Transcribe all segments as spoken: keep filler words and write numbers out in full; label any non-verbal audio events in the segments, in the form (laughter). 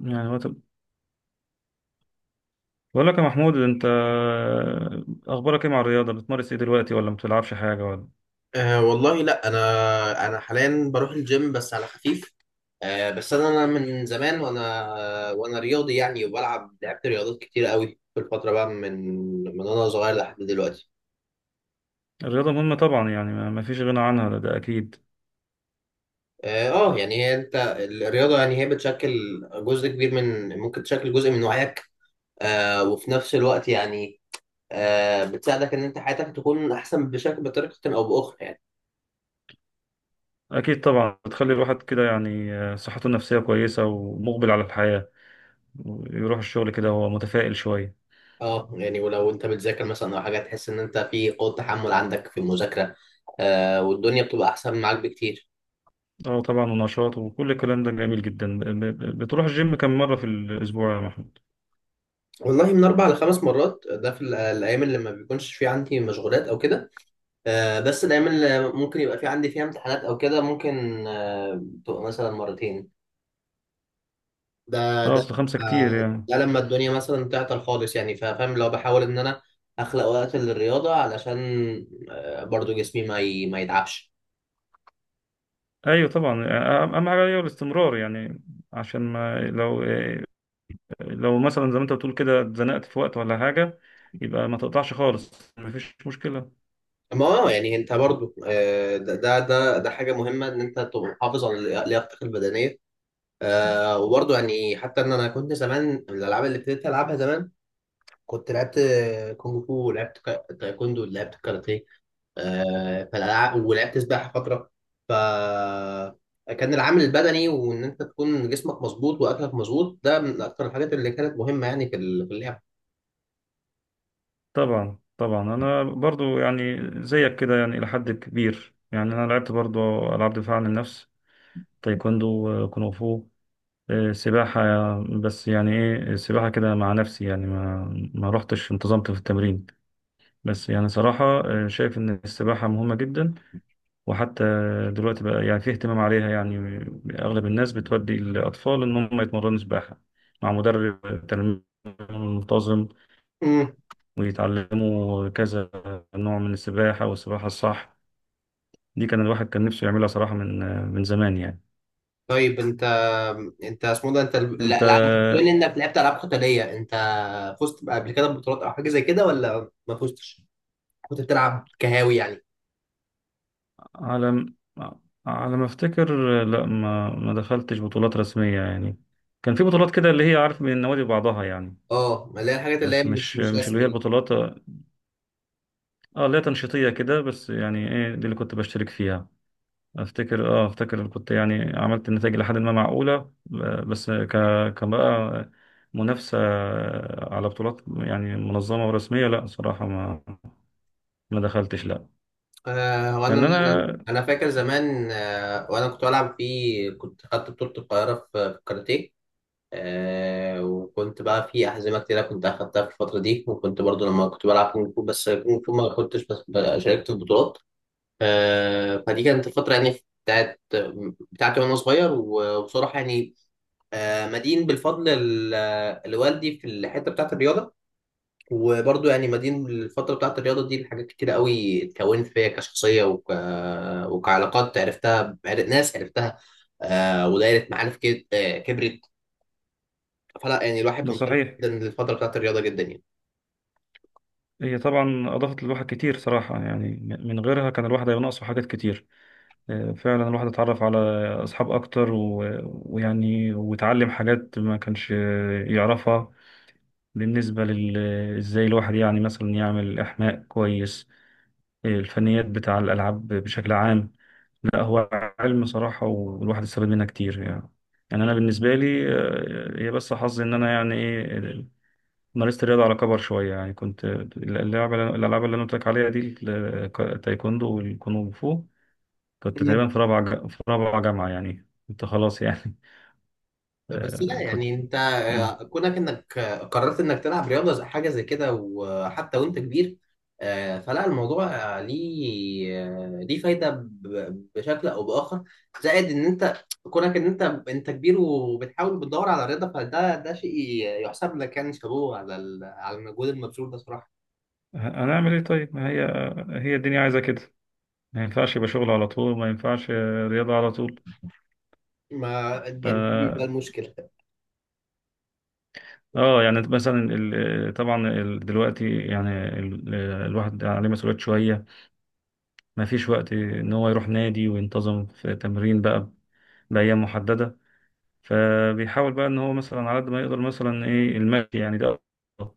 يعني هو طب، بقول لك يا محمود. انت اخبارك ايه مع الرياضه؟ بتمارس ايه دلوقتي ولا ما بتلعبش حاجه ولا؟ أه والله لا انا انا حاليا بروح الجيم، بس على خفيف. أه بس انا أنا من زمان وانا وانا رياضي يعني، وبلعب لعبت رياضات كتير قوي في الفتره بقى، من من وانا صغير لحد دلوقتي. الرياضه مهمه طبعا، يعني ما ما فيش غنى عنها. ده, ده اكيد. اه آه، يعني هي انت الرياضه يعني هي بتشكل جزء كبير من ممكن تشكل جزء من وعيك. أه وفي نفس الوقت يعني، أه بتساعدك ان انت حياتك تكون احسن بشكل بطريقه او باخرى يعني. اكيد طبعا، بتخلي الواحد كده، يعني آه، صحته النفسيه كويسه ومقبل على الحياه. يروح الشغل كده وهو متفائل شويه. اه يعني ولو انت بتذاكر مثلا او حاجه، تحس ان انت في قوه تحمل عندك في المذاكره، آه والدنيا بتبقى احسن معاك بكتير. اه طبعا، ونشاط وكل الكلام ده جميل جدا. ب- ب- بتروح الجيم كم مره في الاسبوع يا محمود؟ والله من اربع لخمس مرات، ده في ال- الايام اللي ما بيكونش في عندي مشغولات او كده. آه بس الايام اللي ممكن يبقى في عندي فيها امتحانات او كده، ممكن آه تبقى مثلا مرتين. ده اه، ده اصل خمسه كتير آه يعني. ده لما الدنيا مثلا تعطل خالص يعني، فا- فاهم لو بحاول ان انا اخلق وقت للرياضه، علشان آه برضو جسمي ما ي- ما يتعبش. ايوه طبعا، أ- اهم حاجه هي الاستمرار يعني. عشان ما، لو لو مثلا زي ما انت بتقول كده اتزنقت في وقت ولا حاجة، يبقى ما تقطعش خالص، مفيش مشكلة. ما اه يعني انت برضو، آه، ده ده ده ده حاجه مهمه ان انت تبقى محافظ على لياقتك البدنيه. آه، وبرضو يعني حتى ان انا كنت زمان، من الالعاب اللي ابتديت العبها زمان، كنت لعبت آه، كونغ فو، ولعبت كا- تايكوندو، ولعبت كاراتيه، آه، فالالعاب، ولعبت سباحه فتره. ف كان العامل البدني، وان انت تكون جسمك مظبوط واكلك مظبوط، ده من اكتر الحاجات اللي كانت مهمه يعني، في ال- في اللعب. طبعا طبعا، انا برضو يعني زيك كده، يعني الى حد كبير. يعني انا لعبت برضو العاب دفاع عن النفس: تايكوندو، آه، كونغ فو، آه، سباحة. بس يعني ايه، السباحة كده مع نفسي، يعني ما ما رحتش انتظمت في التمرين. بس يعني صراحة، آه، شايف ان السباحة مهمة جدا. وحتى دلوقتي بقى، يعني في اهتمام عليها. يعني أغلب الناس بتودي الأطفال إن هم يتمرنوا سباحة مع مدرب تنمية منتظم، ويتعلموا كذا نوع من السباحة. والسباحة الصح دي كان الواحد كان نفسه يعملها صراحة من من زمان يعني. طيب انت انت اسمه ده، انت ال- أنت، الالعاب، بما انك لعبت العاب قتاليه، انت فزت بقى قبل كده ببطولات او حاجه زي كده ولا ما فزتش؟ كنت بتلعب كهاوي يعني. على م- على ما أفتكر، لا، ما ما دخلتش بطولات رسمية يعني. كان في بطولات كده، اللي هي عارف، من النوادي بعضها يعني. اه ما اللي هي الحاجات اللي هي بس مش مش مش مش اللي هي رسمي دي. البطولات. اه، اللي هي تنشيطية كده بس، يعني ايه، دي اللي كنت بشترك فيها. افتكر اه افتكر اللي كنت يعني عملت النتائج لحد ما معقولة، ب- بس ك كان بقى منافسة على بطولات، يعني منظمة ورسمية، لا صراحة ما ما دخلتش لا. آه وانا لأن انا أنا، انا فاكر زمان، آه وانا كنت بلعب في كنت خدت بطوله القاهره في في الكاراتيه. آه وكنت بقى في احزمه كتيره كنت اخدتها في الفتره دي، وكنت برضو لما كنت بلعب كونغ فو، بس كونغ فو ما كنتش بس- شاركت في بطولات. آه، فدي كانت الفترة يعني، بتاعت بتاعتي وأنا صغير، و- وبصراحة يعني، آه، مدين بالفضل ال- لوالدي في الحتة بتاعت الرياضة. وبرضه يعني، مدين بالفترة بتاعت الرياضة دي، لحاجات كتيرة قوي اتكونت فيا كشخصية، وك... وكعلاقات عرفتها، بعر- ناس عرفتها، آه، ودايرة معارف كد- آه، كبرت. فلا يعني الواحد ده ممتن صحيح. جدا للفترة بتاعت الرياضة، جدا يعني. هي طبعا أضافت للواحد كتير صراحة يعني. من غيرها كان الواحد هيبقى ناقصه حاجات كتير. آه، فعلا الواحد اتعرف على أصحاب أكتر، و- ويعني وتعلم حاجات ما كانش يعرفها، بالنسبة لل، ازاي الواحد يعني مثلا يعمل إحماء كويس، الفنيات بتاع الألعاب بشكل عام. لا هو علم صراحة، والواحد استفاد منها كتير يعني. يعني أنا بالنسبة لي آه، هي بس حظي إن أنا يعني إيه، مارست الرياضة على كبر شوية. يعني كنت اللعبة الألعاب اللي أنا قلت لك عليها دي، التايكوندو والكونغ فو، كنت تقريبا في رابعة ج- في رابعة جامعة، يعني كنت خلاص يعني. (laughs) بس آه، لا كنت. يعني انت، مم. آه، كونك انك آه، قررت انك تلعب رياضه زي حاجه زي كده، وحتى وانت كبير، آه، فلا الموضوع، آه، ليه آه، ليه فايده، ب- بشكل او باخر. زائد ان انت، كونك ان انت، انت كبير وبتحاول بتدور على رياضه، فده ده شيء يحسب لك يعني، شابوه على ال- على المجهود المبذول ده صراحه. هنعمل إيه؟ طيب، ما هي هي الدنيا عايزة كده. ما ينفعش يبقى شغل على طول، ما ينفعش آه، رياضة على طول. ما ف يعني، مم. دي- ده المشكله. اه يعني مثلا ال... آه، طبعا ال... دلوقتي يعني ال... آه، الواحد عليه مسؤوليات شوية، ما فيش وقت ان هو يروح نادي وينتظم في تمرين بقى بأيام محددة. فبيحاول بقى ان هو مثلا على قد ما يقدر، مثلا ايه، المشي يعني، ده أفضل،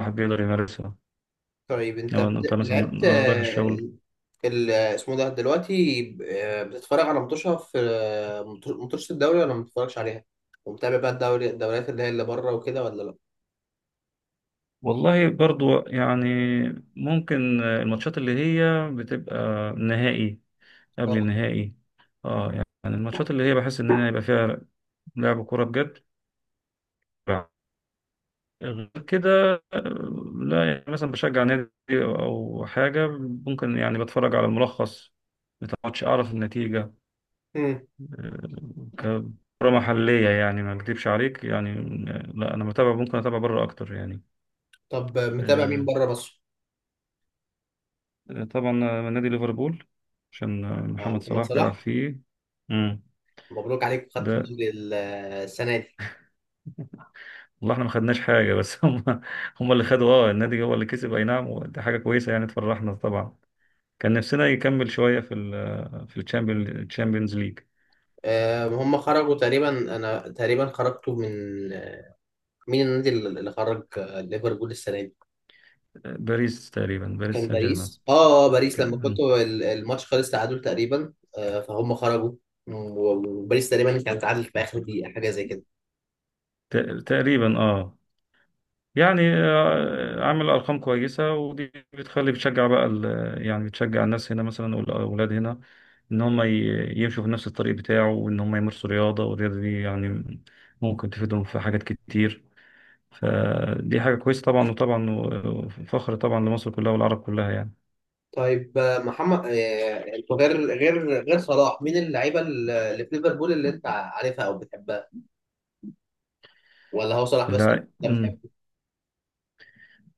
الواحد بيقدر يمارسها. طيب انت لو انت بت- مثلا لعبت، رايح آه، الشغل. ال- اسمه ده دلوقتي، ب- آه، بتتفرج على ماتشها في آه، مط- ماتشات الدوري ولا ما بتتفرجش عليها؟ ومتابع بقى الدوري الدوريات اللي هي اللي بره وكده ولا لا؟ والله برضو يعني ممكن الماتشات اللي هي بتبقى نهائي، قبل اه. النهائي. اه، يعني الماتشات اللي هي بحس ان انا يبقى فيها لعب كوره بجد. غير كده، آه، لا يعني مثلا بشجع نادي او حاجه، ممكن يعني بتفرج على الملخص بتاع الماتش، اعرف النتيجه. مم. آه، ككره محليه يعني، ما اكذبش عليك يعني. آه، لا انا متابع، ممكن اتابع بره اكتر يعني. طب، آه، متابع مين آه، بره مصر؟ طبعا، آه، نادي ليفربول، عشان آه، آه، محمد محمد صلاح بيلعب صلاح. فيه. مم. مبروك عليك، خدت ده الدوري ال- آه، السنة دي. والله احنا ما خدناش حاجة، بس (laughs) هم، هم اللي خدوا، اه النادي هو اللي كسب، اي نعم، ودي حاجة كويسة يعني تفرحنا طبعا. كان نفسنا يكمل شوية في ال في الشامبيونز ليج. آه، هم خرجوا تقريبا. انا تقريبا خرجتوا من، آه، مين النادي اللي اللي خرج آه، ليفربول السنة دي؟ باريس تقريبا، باريس كان سان جيرمان. باريس اه اه باريس، لما كنت تق- ال- الماتش خلص تعادل تقريبا، آه، فهم خرجوا و- وباريس تقريبا كانت تعادل في اخر دقيقه، حاجه زي كده. تق- تقريبا، اه. يعني آه، عامل ارقام كويسة، ودي بتخلي بتشجع بقى ال- يعني بتشجع الناس هنا مثلا والاولاد هنا، ان هم ي- يمشوا في نفس الطريق بتاعه، وان هم يمارسوا رياضة، والرياضة دي يعني ممكن تفيدهم في حاجات كتير. فدي حاجة كويسة طبعا، وطبعا وفخر طبعا لمصر كلها والعرب كلها يعني. طيب، آه، محمد آه، انتوا غير غير غير صلاح مين اللعيبه اللي في ليفربول اللي انت عارفها او بتحبها، ولا هو صلاح بس اللي اللاع- انت مم. بتحبه؟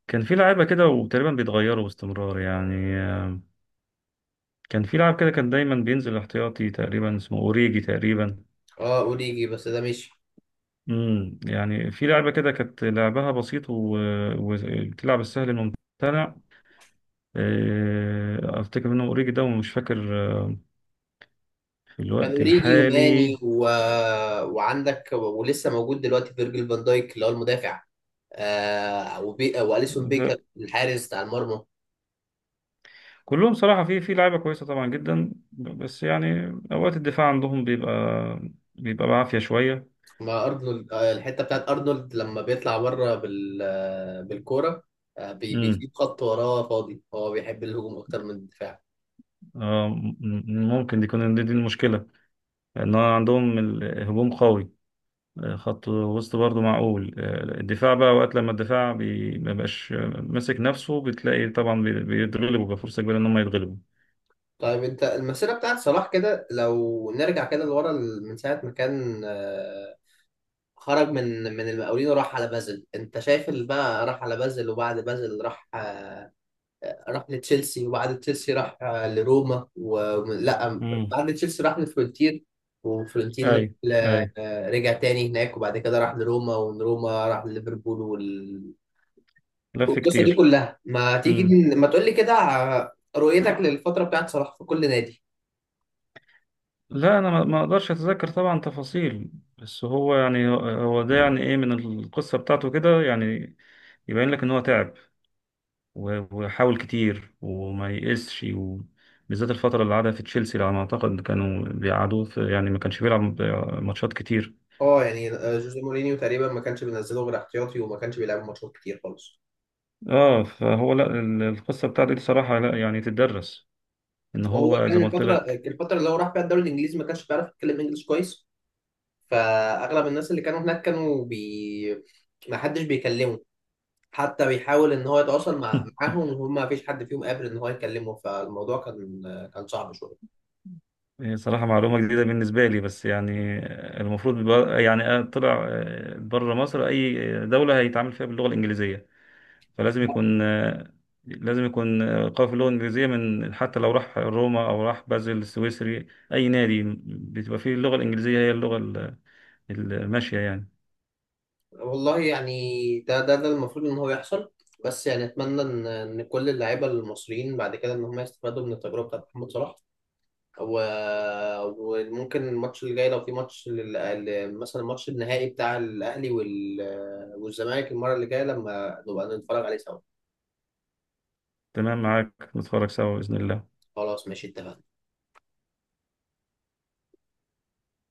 كان في لعيبة كده وتقريبا بيتغيروا باستمرار، يعني آه، كان في لاعب كده كان دايما بينزل احتياطي تقريبا، اسمه اوريجي تقريبا. اه اوريجي، بس ده مش، مم. يعني في لعبة كده كانت لعبها بسيط و- وبتلعب السهل الممتنع. آه، افتكر منه اوريجي ده، ومش فاكر آه، في كان الوقت اوريجي وماني الحالي. و... وعندك، ولسه موجود دلوقتي، فيرجيل فان دايك اللي هو المدافع، آه وبي... واليسون بيكر، الحارس بتاع المرمى. كلهم صراحة في في لعيبة كويسة طبعا جدا، بس يعني أوقات الدفاع عندهم بيبقى بيبقى بعافية شوية. مع ارنولد، آه، الحته بتاعت ارنولد لما بيطلع بره بال آه، بالكوره، آه، بي- امم بيسيب خط وراه فاضي، هو بيحب الهجوم اكتر من الدفاع. آه، م- م- ممكن، دي يكون دي دي المشكلة، إن هو عندهم الهجوم قوي، آه، خط وسط برضه معقول، آه، الدفاع بقى، وقت لما الدفاع بي- ما بقاش آه، ماسك نفسه، بتلاقي طبعا بي- بيتغلبوا بقى، فرصة كبيرة إن هم يتغلبوا. طيب، انت المسيره بتاعت صلاح، كده لو نرجع كده لورا، ال- من ساعه ما كان، آه، خرج من من المقاولين، وراح على بازل، انت شايف، اللي بقى راح على بازل، وبعد بازل راح آه، راح لتشيلسي، وبعد تشيلسي راح آه، لروما، ولا امم بعد تشيلسي راح لفلورنتين، وفلورنتين راح أي، ل- أي، آه، رجع تاني هناك، وبعد كده راح لروما، ومن روما راح لليفربول وال... لف والقصة دي كتير. كلها، ما تيجي ن- ما تقول لي كده ع- رؤيتك للفترة بتاعت صلاح في كل نادي. لا انا ما ما اقدرش اتذكر طبعا تفاصيل. بس هو يعني، هو ده يعني ايه، من القصه بتاعته كده، يعني يبين لك ان هو تعب و- وحاول كتير وما يئسش، وبالذات الفتره اللي قعدها في تشيلسي على ما اعتقد كانوا بيقعدوه في، يعني ما كانش بيلعب ماتشات كتير. اه يعني آه، جوزيه مورينيو تقريبا ما كانش بينزله غير احتياطي، وما كانش بيلعب ماتشات كتير خالص. اه، فهو لا ال- القصه بتاعته دي صراحه لا يعني تدرس، ان وهو هو زي كان، ما قلت الفترة لك. الفترة اللي هو راح فيها الدوري الانجليزي، ما كانش بيعرف يتكلم انجلش كويس، فاغلب الناس اللي كانوا هناك كانوا بي ما حدش بيكلمه. حتى بيحاول ان هو يتواصل مع (laughs) معاهم، وهم ما فيش حد فيهم قادر ان هو يكلمه، فالموضوع كان كان صعب شويه. هي صراحة معلومة جديدة بالنسبة لي، بس يعني المفروض بقى- يعني طلع بره مصر، أي دولة هيتعامل فيها باللغة الإنجليزية، فلازم يكون، لازم يكون قوي في اللغة الإنجليزية. من حتى لو راح روما أو راح بازل السويسري، أي نادي بتبقى فيه اللغة الإنجليزية هي اللغة ال- الماشية يعني. والله يعني، ده ده ده المفروض ان هو يحصل، بس يعني اتمنى ان ان كل اللعيبه المصريين بعد كده ان هم يستفادوا من التجربه بتاعت محمد صلاح و... وممكن الماتش اللي جاي، لو في ماتش لل... ال- مثلا الماتش النهائي بتاع الاهلي وال... والزمالك، المره اللي جايه لما نبقى نتفرج عليه سوا. تمام معاك، نتفرج سوا بإذن الله. خلاص ماشي، اتفقنا.